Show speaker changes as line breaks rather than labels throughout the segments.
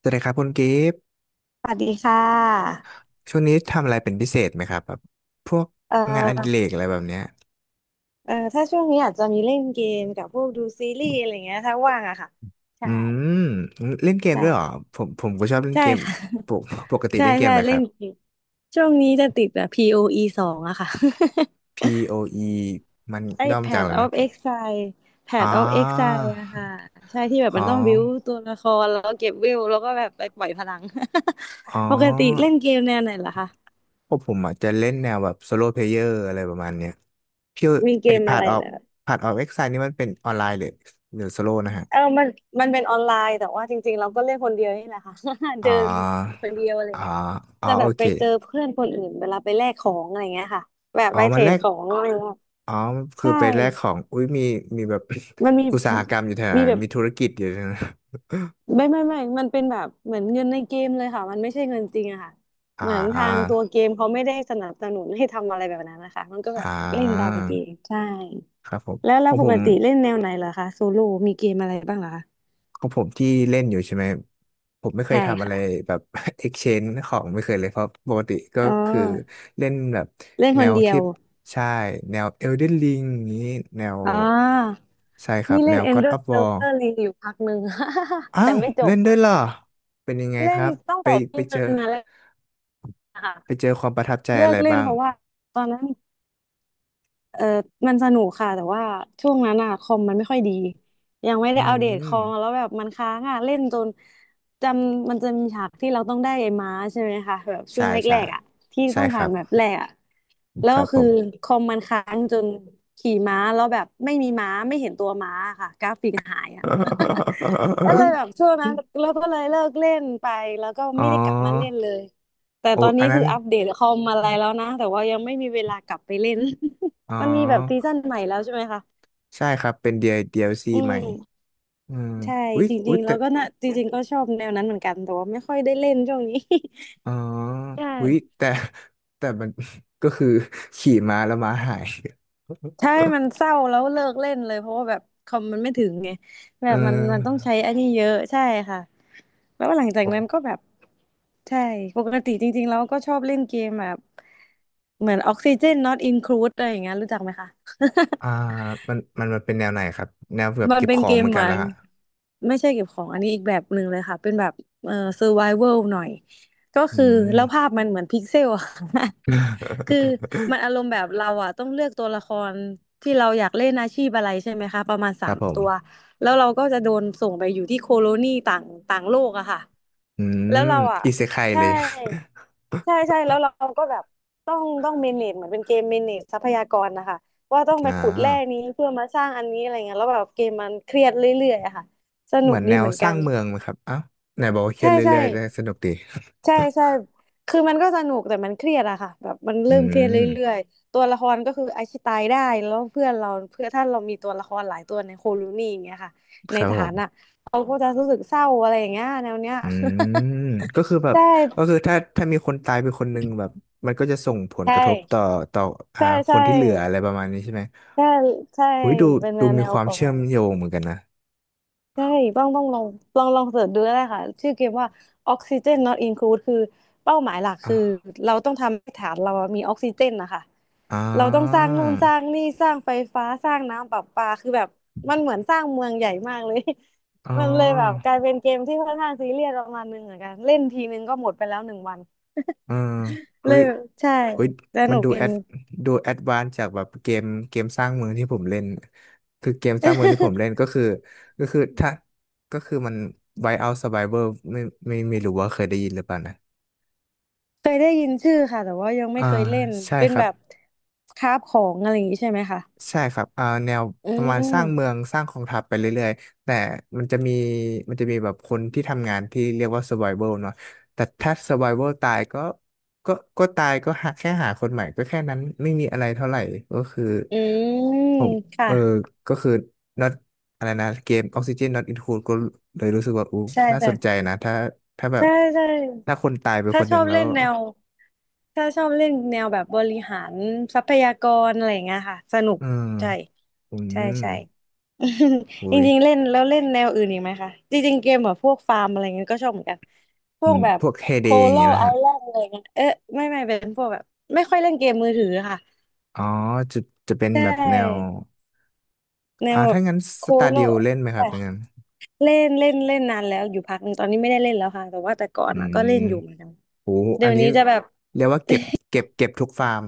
สวัสดีครับคุณกิฟต์
สวัสดีค่ะ
ช่วงนี้ทำอะไรเป็นพิเศษไหมครับแบบพวก
เอ่
งานอดิเร
อ
กอะไรแบบเนี้ย
ถ้าช่วงนี้อาจจะมีเล่นเกมกับพวกดูซีรีส์อะไรเงี้ยถ้าว่างอะค่ะ
อื
ใช่
มเล่นเกมด้วยเหรอ
ใช่
ผมก็ชอบเล่น
ใช่
เกม
ค่ะ
ปกปก ติ
ใช่
เล่นเกม
ใช่
อะไรค
เล่
รั
น
บ
เกมช่วงนี้จะติดแบบ POE 2อะค่ะ
POE มัน
ไอ้
ย่อมาจากอะ
Path
ไรนะ
of
พี่
Exile
อ๋อ
Path of Exile อะค่ะใช่ที่แบบ
อ๋อ
มันต้องบิวตัวละครแล้วก็เก็บเวลแล้วก็แบบไปปล่อยพลัง
อ๋อ
ปกติเล่นเกมแนวไหนเหรอคะ
พวกผมอาจจะเล่นแนวแบบโซโลเพลเยอร์อะไรประมาณเนี้ยพี่
มีเก
ไอ้
ม
พา
อะ
ร์ท
ไร
ออ
เห
ฟ
รอ
พาร์ทออฟเอ็กไซนี่มันเป็นออนไลน์หรือหรือโซโลนะฮะ
เออมันเป็นออนไลน์แต่ว่าจริงๆเราก็เล่นคนเดียวนี่แหละค่ะ
อ๋
เดินแบบ
อ
คนเดียวอะไร
อ๋อ
เงี้ย
อ๋อ
จะ
โอ
แบบ
เค
ไปเจอเพื่อนคนอื่นเวลาไปแลกของอะไรเงี้ยค่ะแบบ
อ๋อ
ไปเท
มั
ร
นแล
ด
ก
ของอะไรเงี้ย
อ๋อ คือ
ใช่
ไปแลกของ อุ้ยมีมีแบบ
มันมี
อุตสาหกรรมอยู่แถว
มี
นั้น
แบบ
มีธุรกิจอยู่แถวนั้น
ไม่มันเป็นแบบเหมือนเงินในเกมเลยค่ะมันไม่ใช่เงินจริงอะค่ะ
อ่
เหมือนทาง
า
ตัวเกมเขาไม่ได้สนับสนุนให้ทำอะไรแบบนั้นนะคะมันก็แบบ
อ่า
เล่นตามเกมใช่
ครับผม
แล้ว
ข
แล้
อ
ว
ง
ป
ผ
ก
ม
ติเล่นแนวไหนเหรอคะโซโล่มีเกมอะไรบ้างเหรอคะ
ที่เล่นอยู่ใช่ไหม ผมไม่เคย
ใช่
ทำอะ
ค่ะ
ไรแบบ exchange ของไม่เคยเลยเพราะปกติก็
อ๋อ
คือเล่นแบบ
เล่น
แน
คน
ว
เดีย
ที่
ว
ใช่แนว Elden Ring อย่างนี้แนว
อ่า
ใช่ครับ
นี่
แน
เล่น
ว God of War
Elder Ring อยู่พักหนึ่ง
อ้า
แต่
ว
ไม่จ
เล่
บ
นด้วยเหรอเป็นยังไงค
เล่น
รับ
ตั้ง
ไป
แต่
ไป
ที่
เจ
มั
อ
นมาเล่นอะ
ไป
ค่ะ
เจอความประทับใจอะ
เลิ
ไร
กเล่น
บ้าง
เพราะว่าตอนนั้นเออมันสนุกค่ะแต่ว่าช่วงนั้นอะคอมมันไม่ค่อยดียังไม่
อื
ได้อัปเดตคอมแล้
ม
วแบบมันค้างอะเล่นจนจำมันจะมีฉากที่เราต้องได้ไอ้ม้าใช่ไหมคะแบบช่
ใช่
วงแร
ใช่
กๆอะที่
ใช่
ต้อง
ค
ผ่า
รั
น
บ
แบบแรกอะแล้ว
ครั
ก็
บผ
คือ
ม
คอมมันค้างจนขี่ม้าแล้วแบบไม่มีม้าไม่เห็นตัวม้าค่ะกราฟิกหายอะ ก็เลยแบบช่วงนั้นแล้วก็เลยเลิกเล่นไปแล้วก็
อ๋อ
ไม่ได้กลับมาเล่นเลยแต่
โอ้
ตอน
อั
นี้
นนั้
คือ
น
อัปเดตคอมอะไรแล้วนะแต่ว่ายังไม่มีเวลากลับไปเล่น
อ๋อ
มันมีแบบซีซั่นใหม่แล้วใช่ไหมคะ
ใช่ครับเป็น DL- d ซ c
อื
ใหม่
ม
อืม
ใช่
อุ๊ย
จ
อุ๊
ริ
ย
งๆแล้
แต่
วก็น่ะจริงๆก็ชอบแนวนั้นเหมือนกันแต่ว่าไม่ค่อยได้เล่นช่วงนี้
อ๋อ
ใช
อุ๊ย
่
แต่แต่มัน ก็คือ ขี่ม้าแล้วม้าหาย
ใช่ มันเศร้าแล้วเลิกเล่นเลยเพราะว่าแบบคอมมันไม่ถึงไงแบ
เ
บมันต้อง
ออ
ใช้อันนี้เยอะใช่ค่ะแล้วหลังจา
โอ
กนั้นก็
้
แบบใช่ปกติจริงๆแล้วก็ชอบเล่นเกมแบบเหมือนออกซิเจน not include อะไรอย่างเงี้ยรู้จักไหมคะ
อ่ามันมันเป็นแนวไหนครับแนวแบบ
มัน
เก็บ
เป็
ข
น
อ
เก
งเห
ม
มือน
เห
กั
มื
น
อ
ละ
น
ฮะ
ไม่ใช่เก็บของอันนี้อีกแบบหนึ่งเลยค่ะเป็นแบบเอ่อ survival หน่อยก็
อื
คือแล้ว
ม
ภาพมันเหมือนพิกเซลอะ ค่ะ คือมั นอารมณ์แบบเราอะต้องเลือกตัวละครที่เราอยากเล่นอาชีพอะไรใช่ไหมคะประมาณ
ค
สา
รับ
ม
ผ
ตัว
ม
แล้วเราก็จะโดนส่งไปอยู่ที่โคโลนีต่างต่างโลกอะค่ะ
อื
แล้
ม
วเราอะ
อิเซไคเล
ใช่
ย
ใช่ใช่แล้วเราก็แบบต้องเมเนจเหมือนเป็นเกมเมเนจทรัพยากรนะคะ ว่าต้องไป
อ่
ขุดแร่นี้
า
เพื่อมาสร้างอันนี้อะไรเงี้ยแล้วแบบเกมมันเครียดเรื่อยๆอะค่ะสนุ
เหมื
ก
อน
ดี
แนว
เหมือน
ส
กั
ร้าง
น
เมืองไหมครับอ้าวไหนบอกว่าเครีย
ใช่
ด
ใช่
เรื่อยๆแต่สนุกดี
ใช่ใช่คือมันก็สนุกแต่มันเครียดอะค่ะแบบมัน
อื
เริ่มเครียดเร
ม
ื่อยๆตัวละครก็คือไอชิตายได้แล้วเพื่อนเราเพื่อถ้าเรามีตัวละครหลายตัวในโคโลนีอย่างเงี้ยค่ะ
ค
ใน
รับผ
ฐาน
ม
อะเขาก็จะรู้สึกเศร้าอะไรอย่างเงี้ยแนวเนี้ย
อืมก็คือแบ บ
ใช่
ก็คือถ้ามีคนตายไปคนหนึ่งแบบมันก็จะส่งผล
ใช่
กระทบต่อต่ออ่า
ใช่
ค
ใช่
นที่เหลืออะไรประมาณนี้ใช่ไหม
ใช่ใช่
อุ้ยดู
เป็นแน
ดู
ว
มี
แน
ค
ว
วาม
ประ
เชื่
มา
อมโย
ณ
งเหมือนกันนะ
ใช่ต้องลอง ลองเสิร์ชดูก็ได้ค่ะ ชื่อเกมว่า Oxygen Not Include คือเป้าหมายหลักคือ
อ่า
เราต้องทำให้ฐานเรามีออกซิเจนนะคะ
อ่
เราต้องส
า
ร้างนู่นสร้างนี่สร้างไฟฟ้าสร้างน้ำประปาคือแบบมันเหมือนสร้างเมืองใหญ่มากเลย
อ๋อ
มันเลยแบบกลายเป็นเกมที่ค่อนข้างซีเรียสประมาณนึงเหมือนกัน เล่นทีนึงก็หมดไปแล้ว1 วัน
เอออุ้
เล
ย
ยแบบใช่
อุ้ย
ส
มั
นุ
น
ก
ดู
เก
แอ
ม
ด
นี้
ดูแอดวานจากแบบเกมเกมสร้างเมืองที่ผมเล่นคือเกมสร้างเมืองที่ผมเล่นก็คือก็คือถ้าก็คือมัน Whiteout Survivor ไม่ไม่รู้ว่าเคยได้ยินหรือเปล่านะ
เคยได้ยินชื่อค่ะแต่ว่ายังไม่
อ่า
เคยเล่น
ใช่
เป็น
ครั
แบ
บ
บคราฟของอะไรอย่างนี้ใช่ไหมคะ
ใช่ครับอ่าแนว
อื
ประมาณสร้างเมื
ม
องสร้างกองทัพไปเรื่อยๆ แต่มันจะมีมันจะมีแบบคนที่ทำงานที่เรียกว่า survival เนาะแต่ถ้า survival ตายก็ก็ก็ตายก็หาแค่หาคนใหม่ก็แค่นั้นไม่มีอะไรเท่าไหร่ก็คือ
อืม
ผมเออ
ค่ะ
ก็คือ not อะไรนะเกม Oxygen Not Include ก็เลยรู้สึกว่าอู้
ใช่
น่าสนใจ
ค่ะ
นะถ้าถ้าแบบ
ใช่ใช่
ถ้าคนตายไป
ถ้า
คนห
ช
นึ่
อ
ง
บ
แล้ว
เล่นแนวถ้าชอบเล่นแนวแบบบริหารทรัพยากรอะไรอย่างเงี้ยค่ะสนุก
อืม
ใช่
อื
ใช่
ม
ใช่ จ
โอ้ย
ริงๆเล่นแล้วเล่นแนวอื่นอีกไหมคะจริงๆเกมแบบพวกฟาร์มอะไรเงี้ยก็ชอบเหมือนกันพ
อื
วก
ม
แบบ
พวกเฮ
โค
เดย์อย่าง
โล
เงี้ยนะ
ไอ
ฮะ
แลนด์อะไรเงี้ยเอ๊ะไม่เป็นพวกแบบไม่ค่อยเล่นเกมมือถือค่ะ
อ๋อจะจะเป็น
ใช
แบบแนว
่ แน
อ่า
วแบบ
ถ้างั้นส
โค้
ตา
ก
ร์
แล้
ดิ
ว
วเล่นไหมค
แบ
รับ
บ
งั้น
เล่นเล่นเล่นนานแล้วอยู่พักหนึ่งตอนนี้ไม่ได้เล่นแล้วค่ะแต่ว่าแต่ก่อ
อื
นอ่ะก็
ม
เล่นอยู่เหมือนกัน
โห
เดี๋
อั
ย
น
ว
นี้
นี้จะแบบ
เรียกว่าเก็บเก็บเก็บทุกฟาร์ม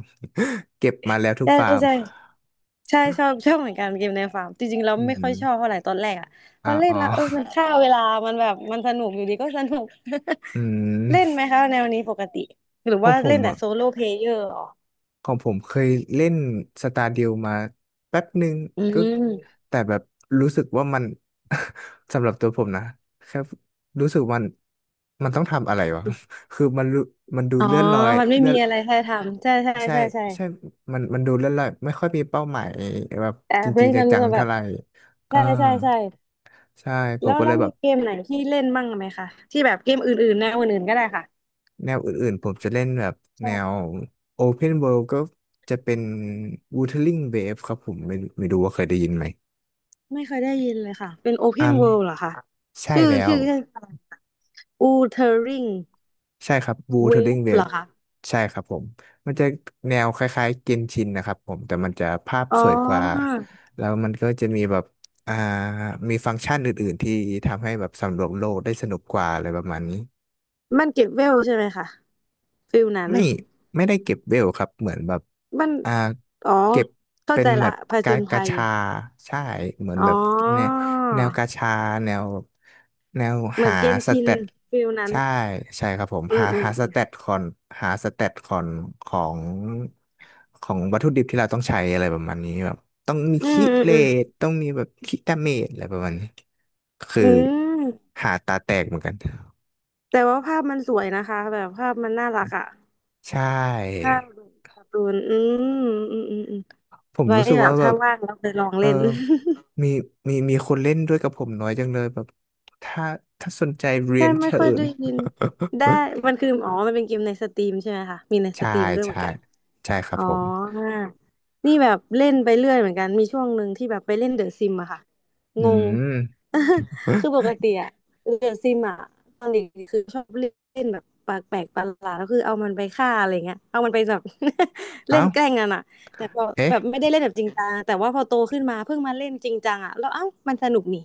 เก็บมาแล้วทุก
ใช่
ฟาร์ม
ใช่ใช่ชอบเหมือนกันเกมในฟาร์มจริงๆเรา
อื
ไม่ค่อย
ม
ชอบเท่าไหร่ตอนแรกอ่ะพ
อ่า
อเล่น
อ๋อ
แล้วเออมันฆ่าเวลามันแบบมันสนุกอยู่ดีก็สนุก
อื
เล่น
ม
ไหมคะแนวนี้ปกติหรือ
ขอ
ว่า
งผ
เล่
ม
นแต่
อ่ะ
โซโล่เพลเยอร์หรอ
ของผมเคยเล่นสตาร์ดิวมาแป๊บหนึ่ง
อื
ก็
ม
แต่แบบรู้สึกว่ามัน สำหรับตัวผมนะแค่รู้สึกมันต้องทำอะไรวะ คือมันรู้มันดู
อ๋อ
เลื่อนลอย
มันไม่
เลื่อ
มี
น
อะไรให้ทำใช่ใช่
ใช่
ใช่ใช่
ใช่มันดูเลื่อนลอยไม่ค่อยมีเป้าหมายแบบ
แต่
จ
เล่
ริง
น
ๆ
มัน
จัง
ก็
ๆ
แบ
เท่า
บ
ไหร่อ่า
ใช่ใช่ใช่
ใช่ผ
แล้
ม
ว
ก็เล
แล้ว
ยแบ
มี
บ
เกมไหนที่เล่นบ้างไหมคะที่แบบเกมอื่นๆแนวอื่นๆก็ได้ค่ะ
แนวอื่นๆผมจะเล่นแบบแนว
ใช่
Open World ก็จะเป็น Wuthering Waves ครับผมไม่รู้ว่าเคยได้ยินไหม
ไม่เคยได้ยินเลยค่ะเป็น Open
อ่า
World เหรอคะ
ใช่
ชื่อ
แล้ว
ชื่อเล่นอะไรคะ Wuthering
ใช่ครับบูเทอร์ลิง
Waves
เว
เหร
ฟ
อคะ
ใช่ครับผมมันจะแนวคล้ายๆเกนชินนะครับผมแต่มันจะภาพ
อ๋
ส
อ
วยกว่าแล้วมันก็จะมีแบบอ่ามีฟังก์ชันอื่นๆที่ทำให้แบบสำรวจโลกได้สนุกกว่าอะไรประมาณนี้
มันเก็บเวลใช่ไหมคะฟิลนั้น
ไม่ได้เก็บเวลครับเหมือนแบบ
มัน
อ่า
อ๋อ
เก็บ
เข้า
เป็
ใจ
นแบ
ละ
บ
ผจ
กา
ญ
กา
ภัย
ชาใช่เหมือน
อ๋
แบบแนว
อ
แนวกาชาแนวแนว
เหมือ
หา
นเกน
ส
ชิ
เต
น
ต
ฟิลนั้น
ใช่ใช่ครับผม
อื
หา
มอื
หาส
ม
เตตคอนหาสเตตคอนของของวัตถุดิบที่เราต้องใช้อะไรประมาณนี้แบบต้องมี
อืม
คิ
อืม
เล
อืม
ตต้องมีแบบคิดาเมจอะไรประมาณนี้คือ
อืม
หาตาแตกเหมือนกัน
แต่ว่าภาพมันสวยนะคะแบบภาพมันน่ารักอ่ะ
ใช่
ข้าวดูการ์ตูนอืม
ผม
ไว้
รู้สึก
แบ
ว่า
บ
แบ
ถ้า
บ
ว่างแล้วไปลอง
เออ
เล่น
มีคนเล่นด้วยกับผมน้อยจังเลยแบบถ้าถ้าสนใจเรี
ใช่
ยน
ไม่
เชิ
ค่อย
ญ
ได้ยินได้ มันคืออ๋อมันเป็นเกมในสตรีมใช่ไหมคะมีในส
ใช่
ตรีมด้วยเหมือ
ใช่
นกัน
ใช่ครั
อ๋
บ
อ
ผม
นี่แบบเล่นไปเรื่อยเหมือนกัน มีช่วงหนึ่งที่แบบไปเล่นเดอะซิมอะค่ะ
อื
งง
ม
คือปกติอะเดอะซิมอะตอนเด็กๆคือชอบเล่นแบบปากแปลกประหลาดก็คือเอามันไปฆ่าอะไรเงี้ยเอามันไปแบบ เล่
เอ้า
นแกล้งกันอะแต่พอ
เอ๊ะ
แบบไม่ได้เล่นแบบจริงจังแต่ว่าพอโตขึ้นมาเพิ่งมาเล่นจริงจังอะแล้วเอ้ามันสนุกนี่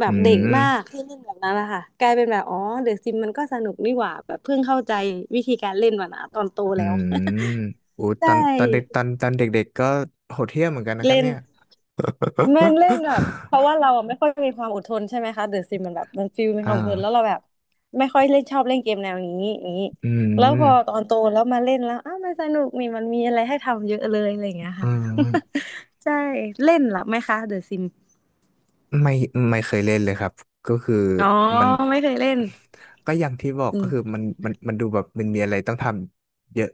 แบ
อื
บเด็ก
ม
มากที่เล่นแบบนั้นอะค่ะกลายเป็นแบบอ๋อเดอะซิมมันก็สนุกนี่หว่าแบบเพิ่งเข้าใจวิธีการเล่นมันอะตอนโต
อื
แล้ว
มอู้ ต
ใช่
อนตอนเด็กตอนตอนเด็กๆ ก็โหดเหี้ยมเหมือนกันนะครับ
เล่น
เนี่ย
มัน เล่นแบบเพราะว่าเราอะไม่ค่อยมีความอดทนใช่ไหมคะเดอะซิมมันแบบมันฟิลมีค
อ่
วามอดทนแล้ว
า
เราแบบไม่ค่อยเล่นชอบเล่นเกมแนวนี้อย่างนี้
อื
แล้ว
ม
พอตอนโตแล้วมาเล่นแล้วอ้าวมันสนุกนี่มันมีอะไรให้ทำเยอะเลยอะไรอย่างเงี้ย
อื
ค่ะ
ม
ใช่เล่นเหรอไหมคะเดอะซิม
ไม่เคยเล่นเลยครับ ก็คือ
อ๋อ
มัน
ไม่เคยเล่น
ก็อย่างที่บอก
อื
ก็คือ
ม
มันดูแบบมันมีอะไรต้องทำเยอะ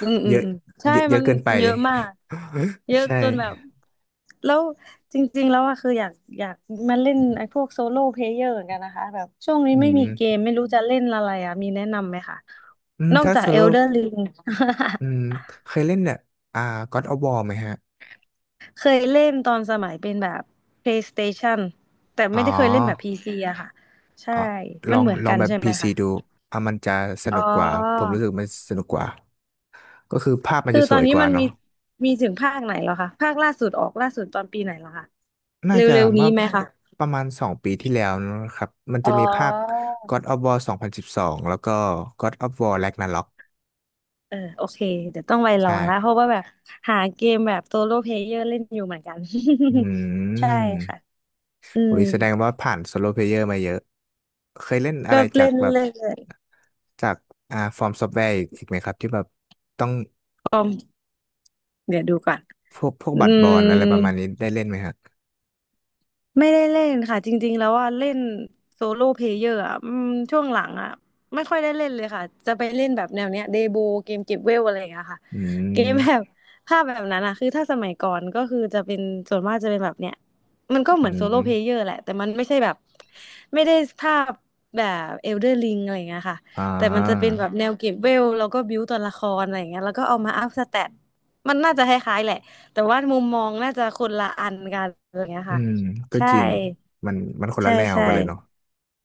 อืม อื
เย
ม
อะ
อืมใช่
เยอะเย
มั
อะ
น
เกินไป
เยอะมากเย อะ
ใช่
จนแบบแล้วจริงๆแล้วอะคืออยากมาเล่นไอ้พวกโซโล่เพลเยอร์เหมือนกันนะคะแบบช่วงนี้
อื
ไม่มีเก
ม
มไม่รู้จะเล่นอะไรอะมีแนะนำไหมคะ
อืม
นอก
ถ้า
จาก
โซโล่
Elder Ring
อืมเคยเล่นเนี่ยอ่า God of War ไหมฮะ
เคยเล่นตอนสมัยเป็นแบบ PlayStation แต่
อ๋
ไม่
อ
ได้เคยเล่นแบบ PC อะค่ะใช่
อ่ะล
มั
อ
น
ง
เหมือนกัน
แบบ
ใช่ไหม
PC
คะ
ดูอ่ะมันจะส
อ๋อ
นุกกว่าผมรู้สึกมันสนุกกว่าก็คือภาพมัน
คื
จะ
อ
ส
ตอ
ว
น
ย
นี้
กว่า
มัน
เนาะ
มีถึงภาคไหนแล้วคะภาคล่าสุดออกล่าสุดตอนปีไหนแล้วคะเ
น่าจะ
ร็วๆ
เมื่
นี้
อ
ไหมคะ
ประมาณสองปีที่แล้วนะครับมัน
อ๋
จะ
อ
มีภาค God of War 2012แล้วก็ God of War Ragnarok
เออโอเคเดี๋ยวต้องไประ
ใช่
วังแล้วเพราะว่าแบบหาเกมแบบโซโล่เพลเยอร์เล่นอยู่เหมือนกัน
อื
ใช่
ม
ค่ะอื
โอ้
ม
ยแสดงว่าผ่านโซโลเพลเยอร์มาเยอะ เคยเล่นอะ
ก็
ไรจา
เล่
ก
น
แบบ
เรื่อย
จากอ่าฟอร์มซอฟต์แวร์อีกไหมครับที่แบบต้อง
ๆเดี๋ยวดูก่อน
พวก
อื
บัตรบอลอะไร
ม
ประมาณนี้ได้เล่นไหมครับ
ไม่ได้เล่นค่ะจริงๆแล้วว่าเล่นโซโล่เพลเยอร์อ่ะอืมช่วงหลังอ่ะไม่ค่อยได้เล่นเลยค่ะจะไปเล่นแบบแนวเนี้ยเดโบเกมเก็บเวลอะไรอย่างเงี้ยค่ะ
อื
เกม
ม
แบบภาพแบบนั้นอ่ะคือถ้าสมัยก่อนก็คือจะเป็นส่วนมากจะเป็นแบบเนี้ยมันก็เห
อื
มือนโซโล่เพลเย
ม
อร์แหละแต่มันไม่ใช่แบบไม่ได้ภาพแบบเอลเดอร์ลิงอะไรอย่างเงี้ยค่ะ
อ่า
แต่มันจะเป็นแบบแนวเก็บเวลแล้วก็บิวตัวละครอะไรอย่างเงี้ยแล้วก็เอามาอัพสแตทมันน่าจะคล้ายๆแหละแต่ว่ามุมมองน่าจะคนละอันกันอะไรอย่างเงี้ย
อื
ค่ะ
มก็
ใช่
จริงมันมันคน
ใช่
ละแนว
ใช่
กันเลยเนาะ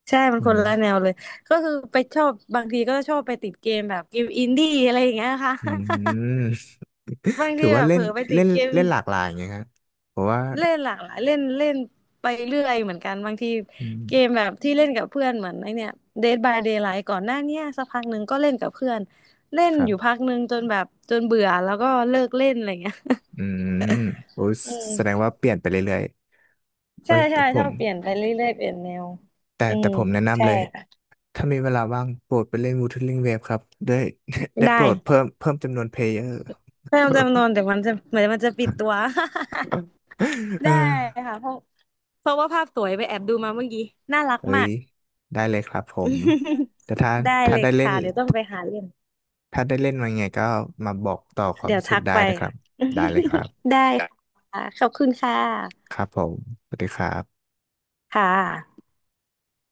ใช่มัน
อื
คนละแน
ม
วเลยก็คือไปชอบบางทีก็ชอบไปติดเกมแบบเกมอินดี้อะไรอย่างเงี้ยค่ะ
อื ม
บาง
ถื
ที
อ
แบ
ว่า
บ
เล่
เผล
น
อไปติ
เล่
ด
น
เกม
เล่นหลากหลายไงครับเพราะว่า
เล่นหลากหลายเล่นเล่นไปเรื่อยเหมือนกันบางที
อืม
เกมแบบที่เล่นกับเพื่อนเหมือนไอเนี่ย Dead by Daylight ก่อนหน้าเนี้ยสักพักหนึ่งก็เล่นกับเพื่อนเล่น
ครั
อยู่
บ
พักหนึ่งจนแบบจนเบื่อแล้วก็เลิกเล่นอะไรเงี้ย
อืมโอ้ย
อืม
แสดงว่าเปลี่ยนไปเรื่อยๆเอ้
ใช่
ยแต่
ใช่
ผ
ชอ
ม
บเปลี่ยนไปเรื่อยๆเปลี่ยนแนวอื
แต่
ม
ผมแนะนำ
ใช่
เลย
ค่ะ
ถ้ามีเวลาว่างโปรดไปเล่น Wuthering Waves ครับได้ ได้โป
ได้
รดเพิ่มจำนวนเพลเยอร์
แม่จำนวนเดี๋ยวมันจะเหมือนมันจะปิดตัว
เออ
ได้ค่ะเพราะว่าภาพสวยไปแอบดูมาเมื่อกี้น่ารัก
เฮ้
มา
ย
ก
ได้เลยครับผม แต่ถ้า
ได้
ถ้า
เลย
ได้เล่น
ค่ะเดี๋ยวต้องไปหาเล่น
มาังไงก็มาบอกต่อความ
เดี๋ยว
รู้สึ
ทั
ก
ก
ได้
ไป
นะครับได้เลยครับ
ได้ค่ะขอบคุณค่ะ
ครับผมสวัสดีครับ
ค่ะ